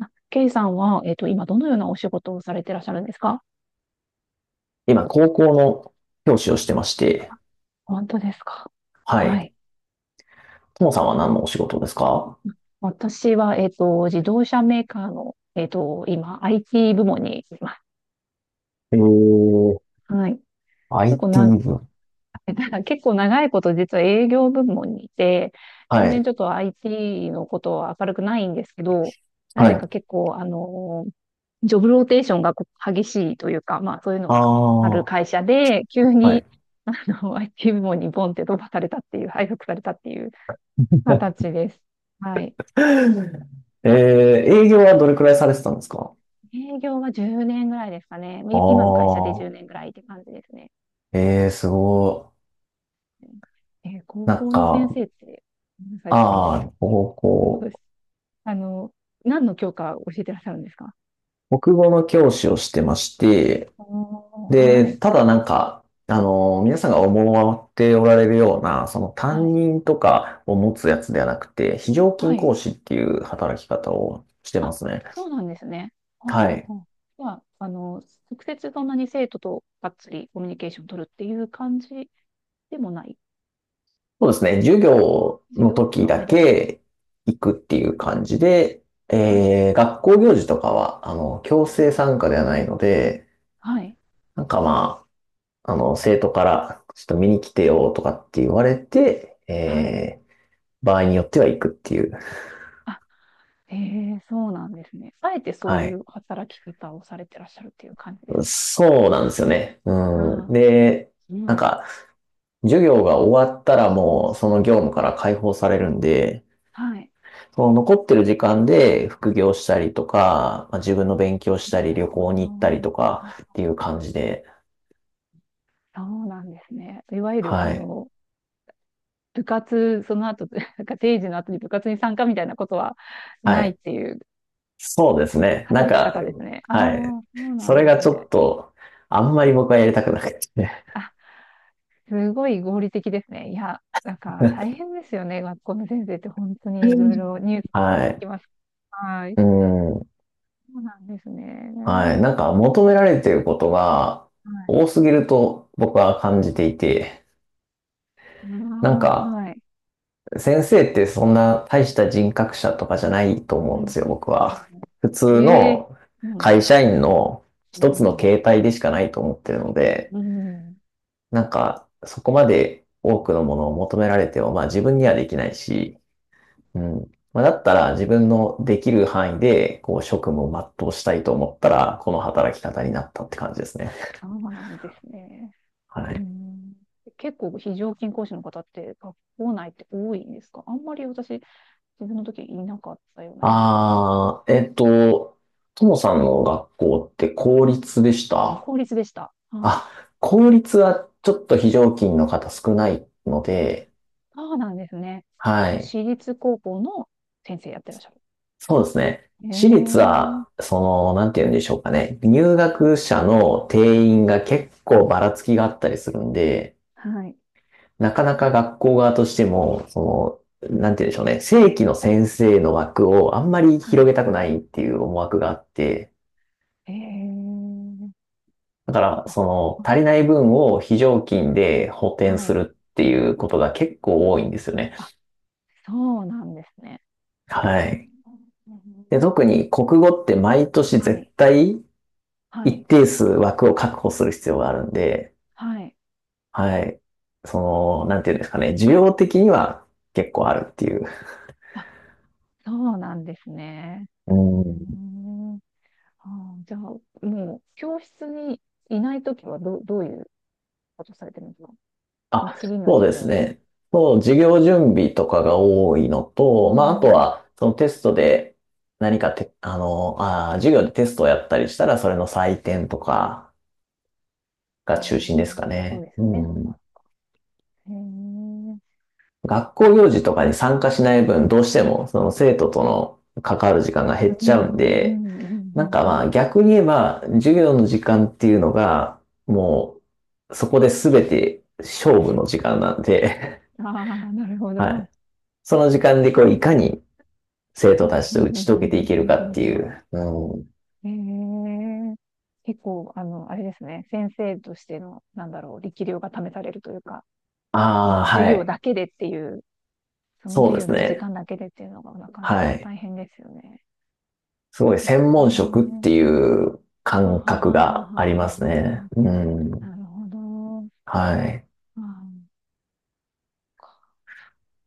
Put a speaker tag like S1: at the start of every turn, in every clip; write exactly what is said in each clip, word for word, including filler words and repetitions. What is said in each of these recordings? S1: あ、ケイさんは、えっと、今どのようなお仕事をされてらっしゃるんですか？
S2: 今、高校の教師をしてまして、
S1: 本当ですか？
S2: は
S1: は
S2: い。
S1: い。
S2: ともさんは何のお仕事ですか？
S1: 私は、えっと、自動車メーカーの、えっと、今、アイティー 部門にいま
S2: えー、
S1: す。はい。結構な、
S2: アイティー 部。
S1: 結構長いこと実は営業部門にいて、全
S2: は
S1: 然
S2: い。
S1: ちょっと アイティー のことは明るくないんですけど、な
S2: は
S1: ぜか
S2: い。
S1: 結構、あの、ジョブローテーションがこう激しいというか、まあそういうの
S2: あ
S1: がある
S2: あ、
S1: 会社で、急
S2: はい。
S1: に、あの、アイティー 部門にボンって飛ばされたっていう、配属されたっていう 形です。はい。
S2: えー、営業はどれくらいされてたんですか？
S1: 営業はじゅうねんぐらいですかね。い今の会社で
S2: あ
S1: 10
S2: あ、
S1: 年ぐらいって感じですね。
S2: ええ、す
S1: は
S2: ご
S1: い。えー高
S2: い。なん
S1: 校の先
S2: か、
S1: 生って、ごめんなさい、あ
S2: ああ、
S1: の、
S2: 高校、
S1: あの、何の教科を教えてらっしゃるんですか？
S2: 国語の教師をしてまして、
S1: おー、は
S2: で、
S1: い、
S2: ただなんか、あの、皆さんが思っておられるような、その
S1: は
S2: 担
S1: い、
S2: 任とかを持つやつではなくて、非常
S1: は
S2: 勤
S1: い。
S2: 講師っていう働き方をしてま
S1: あ、
S2: すね。
S1: そうなんですね。ほう
S2: は
S1: ほう
S2: い。
S1: ほう。は、あの、直接そんなに生徒とがっつりコミュニケーション取るっていう感じでもない。
S2: そうですね。授業
S1: 授
S2: の
S1: 業
S2: 時
S1: の
S2: だ
S1: 間だけ。
S2: け行くって
S1: う
S2: い
S1: ん。
S2: う感じで、
S1: はい。
S2: えー、学校行事とかは、あの、強制参加ではないので、
S1: はい。
S2: なんかまあ、あの、生徒から、ちょっと見に来てよとかって言われて、
S1: はい。
S2: えー、場合によっては行くっていう。
S1: あ、ええ、そうなんですね。あえてそうい
S2: はい。
S1: う働き方をされてらっしゃるっていう感じですか？
S2: そうなんですよね。
S1: あ
S2: うん。
S1: あ、
S2: で、
S1: す
S2: な
S1: ご
S2: ん
S1: い。
S2: か、授業が終わったらもうその業務から解放されるんで、
S1: はい。
S2: その残ってる時間で副業したりとか、まあ自分の勉強した
S1: なる
S2: り、旅
S1: ほ
S2: 行
S1: ど。
S2: に行ったりとか
S1: あ、
S2: っていう感じで、
S1: そうなんですね。いわゆる、あ
S2: はい。
S1: の、部活、その後、なんか定時の後に部活に参加みたいなことは
S2: は
S1: ないっ
S2: い。
S1: ていう
S2: そうですね。なん
S1: 働き
S2: か、
S1: 方ですね。あ
S2: はい。
S1: あ、そうな
S2: そ
S1: ん
S2: れ
S1: で
S2: が
S1: す
S2: ちょ
S1: ね。
S2: っと、あんまり僕はやりたくなくて。
S1: あ、すごい合理的ですね。いや、なんか大変ですよね。学校の先生って本当にいろい ろニュース聞
S2: は
S1: き
S2: い。
S1: ます。はい。
S2: うん。
S1: そうなんですね。
S2: はい。
S1: は
S2: なんか求められていることが
S1: い。
S2: 多すぎると僕は感じていて、なん
S1: ああ、
S2: か
S1: はい。
S2: 先生ってそんな大した人格者とかじゃないと
S1: う
S2: 思うんで
S1: ん。
S2: すよ、僕は。普通
S1: ええ。
S2: の
S1: そうなんで
S2: 会
S1: す
S2: 社
S1: ね。
S2: 員の
S1: う
S2: 一つの
S1: ん。
S2: 形態でしかないと思ってるので、
S1: うん。
S2: なんかそこまで多くのものを求められても、まあ自分にはできないし、うん。まあ、だったら自分のできる範囲でこう職務を全うしたいと思ったら、この働き方になったって感じですね。
S1: そうなんですね。
S2: は
S1: う
S2: い。
S1: ん、結構非常勤講師の方って学校内って多いんですか？あんまり私、自分の時いなかったようなイメージなんですけど。
S2: ああ、えっと、ともさんの学校って公立
S1: は
S2: で
S1: い。
S2: した？
S1: 公立でした。はい。
S2: あ、公立はちょっと非常勤の方少ないので、
S1: そうなんですね。
S2: はい。
S1: 私立高校の先生やってらっしゃる。
S2: そうですね。私立
S1: ええ。
S2: は、その、なんて言うんでしょうかね。入学者の定員が結構ばらつきがあったりするんで、
S1: はい。
S2: なかなか学校側としても、その、なんて言うんでしょうね。正規の先生の枠をあんまり
S1: は
S2: 広
S1: い。
S2: げたくないっていう思惑があって、
S1: ええ。
S2: だから、
S1: あ、
S2: その、足
S1: あ、
S2: りない分を非常勤で補填
S1: は
S2: す
S1: い。
S2: るっていうことが結構多いんですよね。
S1: あ、そうなんですね。
S2: は
S1: う
S2: い。で、
S1: ん。
S2: 特に国語って毎年
S1: は
S2: 絶
S1: い、
S2: 対
S1: は
S2: 一
S1: い、
S2: 定数枠を確保する必要があるんで、
S1: はい。
S2: はい。その、なんていうんですかね、需要的には結構あるっていう。
S1: あ、そうなんですね。
S2: う
S1: うー
S2: ん。
S1: ん。あー、じゃあ、もう、教室にいないときはどう、どういうことされてるんですか？もう
S2: あ、
S1: 次の
S2: そう
S1: 授
S2: です
S1: 業の。
S2: ね。そう、授業準備とかが多いの
S1: う
S2: と、まあ、あと
S1: ーん。
S2: は、そのテストで何かて、あの、あー、授業でテストをやったりしたら、それの採点とか、が
S1: あ
S2: 中心ですか
S1: ー、そう
S2: ね。
S1: ですよね。そ
S2: う
S1: っ
S2: ん。
S1: か。へえ。うん、
S2: 学校行事とかに参加しない分、どうしてもその生徒との関わる時間が
S1: う
S2: 減
S1: ん、
S2: っ
S1: う
S2: ちゃうん
S1: ん、う
S2: で、なん
S1: ん、
S2: かま
S1: う
S2: あ逆に言えば、授業の時間っていうのが、もう、そこで全て勝負の時間なんで
S1: ん。ああ、なるほ ど。
S2: は
S1: うん
S2: い。その時間でこういかに生
S1: う
S2: 徒た
S1: ん
S2: ち
S1: う
S2: と打
S1: んう
S2: ち解け
S1: ん
S2: て
S1: う
S2: いける
S1: ん
S2: か
S1: う
S2: っ
S1: ん
S2: て
S1: う
S2: い
S1: ん。
S2: う。うん。
S1: ええ。結構、あの、あれですね、先生としての、なんだろう、力量が試されるというか、そ
S2: あ
S1: の
S2: あ、
S1: 授
S2: は
S1: 業
S2: い。
S1: だけでっていう、その
S2: そう
S1: 授
S2: で
S1: 業
S2: す
S1: の時
S2: ね。
S1: 間だけでっていうのがなかな
S2: は
S1: か
S2: い。
S1: 大変ですよね。
S2: すごい専門職って
S1: ええ。
S2: いう
S1: はは
S2: 感
S1: はは
S2: 覚
S1: ははは
S2: がありますね。
S1: は。
S2: うん。
S1: なるほど。
S2: はい。
S1: あー、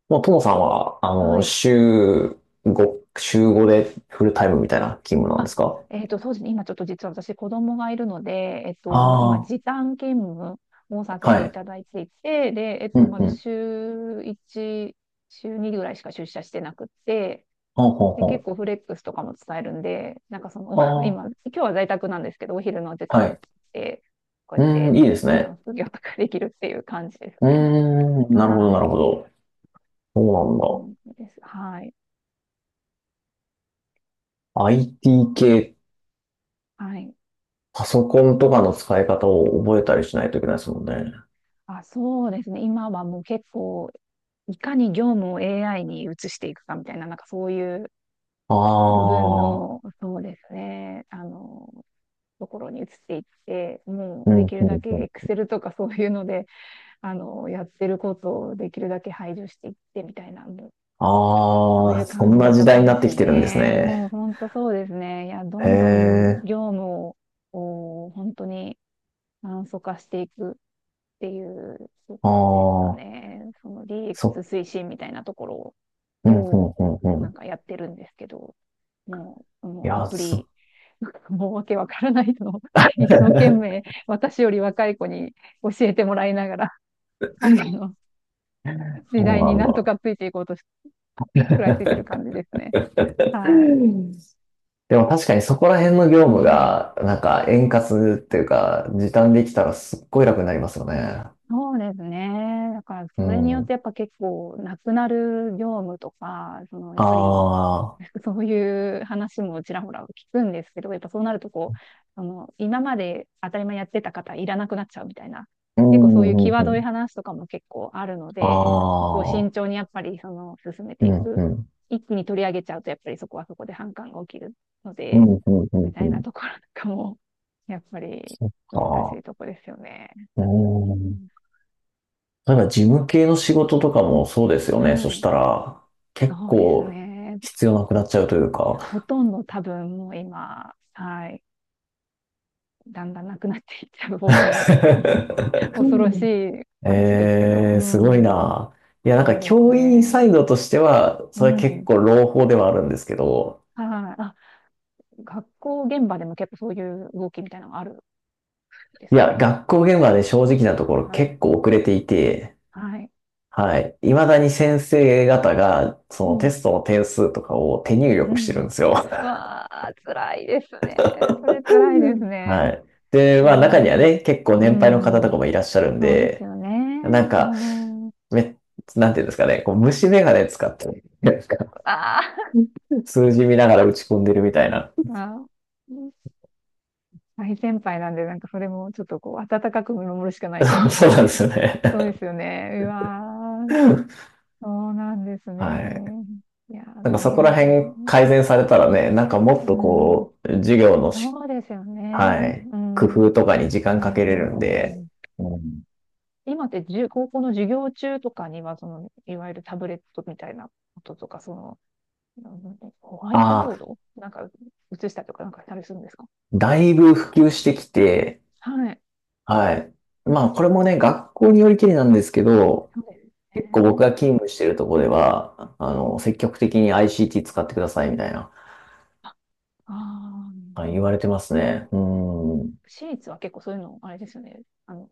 S2: もう、トモさんは、あ
S1: は
S2: の、
S1: い。
S2: 週ご、週ごでフルタイムみたいな勤務なんで
S1: あ、
S2: すか？
S1: えっと、そうですね。今ちょっと実は私子供がいるので、えっと、もう今
S2: あ
S1: 時
S2: あ
S1: 短勤務をさ
S2: ー、
S1: せて
S2: は
S1: い
S2: い。
S1: ただいていて、で、えっ
S2: う
S1: と、
S2: ん
S1: ま
S2: う
S1: だ
S2: ん。
S1: 週いち、週にぐらいしか出社してなくて、
S2: ほうほう
S1: で、結
S2: ほ
S1: 構フレックスとかも伝えるんで、なんかその、
S2: う。あ
S1: 今、今日は在宅なんですけど、お昼の時
S2: あ、は
S1: 間
S2: い。
S1: で、こうや
S2: う
S1: っ
S2: ーん、
S1: て、
S2: いいです
S1: あの、
S2: ね。
S1: 副業とかできるっていう感じです
S2: うー
S1: ね。
S2: ん、なるほど、
S1: は
S2: な
S1: い。
S2: るほど。そうなん
S1: う
S2: だ。
S1: ん、です。はい。
S2: アイティー 系、
S1: はい。
S2: パソコンとかの使い方を覚えたりしないといけないですもんね。
S1: あ、そうですね。今はもう結構いかに業務を エーアイ に移していくかみたいな、なんかそういう
S2: あ
S1: 部分
S2: あ、
S1: の、そうですね、あの、ところに移っていって、も
S2: う
S1: う
S2: ん、
S1: で
S2: うん、
S1: きるだ
S2: う
S1: け
S2: ん。
S1: Excel とか そういうので、あの、やってることをできるだけ排除していってみたいな、もうそうい
S2: ああ、
S1: う
S2: そん
S1: 感
S2: な
S1: じ
S2: 時
S1: と
S2: 代
S1: か
S2: にな
S1: で
S2: っ
S1: す
S2: て
S1: よ
S2: きてるんです
S1: ね。
S2: ね。
S1: もう本当そうですね。いや、ど
S2: へ
S1: んどん
S2: え、
S1: 業務を、こう本当に簡素化していく。っていうところですか
S2: ああ、
S1: ね。その
S2: そ、
S1: ディーエックス 推進みたいなとこ
S2: う
S1: ろ
S2: ん、う
S1: を
S2: ん、うん、う
S1: なん
S2: ん。
S1: かやってるんですけど、もう、も
S2: い
S1: うア
S2: や、
S1: プリ、
S2: そ
S1: もうわけわからないのを一生懸命 私より若い子に教えてもらいながら、あの、時
S2: そう
S1: 代
S2: な
S1: に
S2: ん
S1: なんと
S2: だ。
S1: かついていこうとし、食らいついてる 感じですね。はい。
S2: でも確かにそこら辺の業
S1: う
S2: 務
S1: ん。
S2: が、なんか円滑っていうか、時短できたらすっごい楽になりますよね。
S1: そうですね。だから、そ
S2: う
S1: れによって
S2: ん。
S1: やっぱ結構、なくなる業務とか、その、やっぱり、
S2: ああ、
S1: そういう話もちらほら聞くんですけど、やっぱそうなるとこう、あの、今まで当たり前やってた方いらなくなっちゃうみたいな、
S2: う
S1: 結構そういう
S2: ん、うん、
S1: 際
S2: う
S1: どい
S2: ん。
S1: 話とかも結構あるの
S2: あ
S1: で、なんかそこを慎
S2: あ、
S1: 重にやっぱりその進め
S2: う
S1: てい
S2: ん、
S1: く。
S2: うん。
S1: 一気に取り上げちゃうと、やっぱりそこはそこで反感が起きるの
S2: うん、う
S1: で、
S2: ん、うん、
S1: み
S2: う
S1: たいな
S2: ん。
S1: ところなんかも、やっぱり
S2: そっ
S1: 難し
S2: か。
S1: いとこですよね。
S2: う
S1: う
S2: ん。
S1: ん。
S2: 例えば事務系の仕事とかもそうですよね。そ
S1: は
S2: し
S1: い。
S2: たら、結
S1: そうです
S2: 構
S1: ね。
S2: 必要なくなっちゃうという
S1: ほ
S2: か。
S1: とんど多分もう今、はい。だんだんなくなっていっちゃう方向だと思います。恐ろしい話ですけど、う
S2: ええ、すごい
S1: ーん、
S2: な。いや、なんか
S1: そうです
S2: 教員サ
S1: ね。
S2: イドとしては、
S1: う
S2: それ結
S1: ん。
S2: 構朗報ではあるんですけど、
S1: はい。あ、学校現場でも結構そういう動きみたいなのがあるんです
S2: い
S1: か？
S2: や、学校現場で正直なところ
S1: はい。
S2: 結構遅れていて、
S1: はい。
S2: はい。未だに先生方が、
S1: う
S2: そのテ
S1: ん。
S2: ストの点数とかを手入
S1: う
S2: 力して
S1: ん。
S2: るんですよ。
S1: う わあ、辛いですね。それ辛いです
S2: は
S1: ね。
S2: い。で、
S1: いや
S2: まあ中には
S1: ー、
S2: ね、結構
S1: う
S2: 年配の方と
S1: ん。
S2: かもいらっしゃるん
S1: そうです
S2: で、
S1: よね。
S2: なん
S1: う
S2: か、
S1: ん。
S2: め、なんていうんですかね、こう虫眼鏡使って、なんか
S1: あー。
S2: 数字見ながら打 ち込んでるみたいな。
S1: まあ、大先輩なんで、なんかそれもちょっとこう、温かく見守るしかない感じ です
S2: そう
S1: よ
S2: なんで
S1: ね。
S2: すよね。
S1: そうですよね。うわー、そうなんです
S2: はい。
S1: ね。いやー、
S2: なんか
S1: 大
S2: そこ
S1: 変
S2: ら
S1: ですよね。
S2: 辺改善されたらね、なんかもっ
S1: う
S2: と
S1: ん、
S2: こう、授業のし、
S1: そうですよ
S2: は
S1: ね。
S2: い、
S1: う
S2: 工
S1: ん、うん、
S2: 夫とかに時
S1: う
S2: 間か
S1: ん、
S2: け
S1: う
S2: れるん
S1: ん、う
S2: で、
S1: ん。
S2: うん、
S1: 今ってじゅ、高校の授業中とかには、その、いわゆるタブレットみたいなこととか、その、なんだ、ホワイト
S2: あ
S1: ボー
S2: あ、
S1: ドなんか映したりとかなんかしたりするんですか？
S2: だいぶ普及してきて、
S1: はい。
S2: はい。まあこれもね、学校によりきりなんですけど、
S1: そうです
S2: 結構僕
S1: ね。
S2: が勤務してるとこでは、あの、積極的に アイシーティー 使ってくださいみたいな、
S1: ああ、な
S2: はい言わ
S1: る
S2: れてます
S1: ほ
S2: ね。
S1: ど。
S2: う
S1: うん。
S2: ん。
S1: 私立は結構そういうの、あれですよね。あの、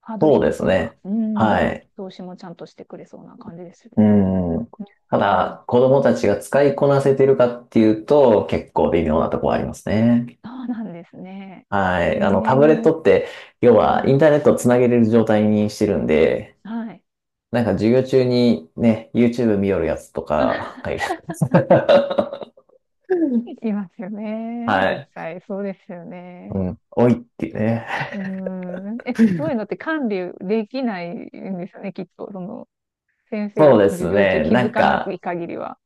S1: ハードル
S2: そう
S1: 低
S2: です
S1: そうな、
S2: ね。
S1: う
S2: は
S1: ん、
S2: い。
S1: 投資もちゃんとしてくれそうな感じですよ
S2: う
S1: ね。
S2: ん。た
S1: うん、
S2: だ、子供たちが使いこなせてるかっていうと、結構微妙なところありますね。
S1: そうなんですね。
S2: は
S1: え
S2: い。あの、タブレッ
S1: え。
S2: トって、要は
S1: は
S2: イ
S1: い、
S2: ンターネットをつなげれる状態にしてるんで、
S1: はい。
S2: なんか授業中にね、YouTube 見よるやつとかがいる。
S1: いますよね。
S2: は
S1: 絶
S2: い。
S1: 対、そうですよ
S2: う
S1: ね。
S2: ん。おいっていうね。
S1: うーん。え、そういうのって管理できないんですよね、きっと。その、先生が
S2: そうで
S1: 授
S2: す
S1: 業中
S2: ね。
S1: 気
S2: な
S1: づ
S2: ん
S1: かない
S2: か、
S1: 限りは。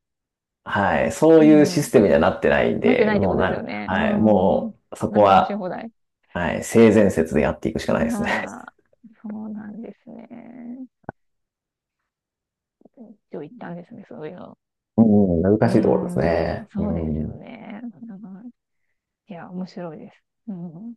S2: はい。そ
S1: う
S2: ういうシ
S1: ん。
S2: ステムにはなってないん
S1: なって
S2: で、
S1: ないってこ
S2: もう
S1: とです
S2: な
S1: よ
S2: ん、
S1: ね。
S2: はい。
S1: うん。
S2: もう、そこ
S1: 何でもし
S2: は、
S1: 放題。
S2: はい。性善説でやっていくしかないですね。
S1: ああ、そうなんですね。一応行ったんですね、そういうの。
S2: うん、
S1: う
S2: 難
S1: ー
S2: しいところです
S1: ん、
S2: ね。う
S1: そうですよ
S2: ん。
S1: ね。うん。いや、面白いです。うん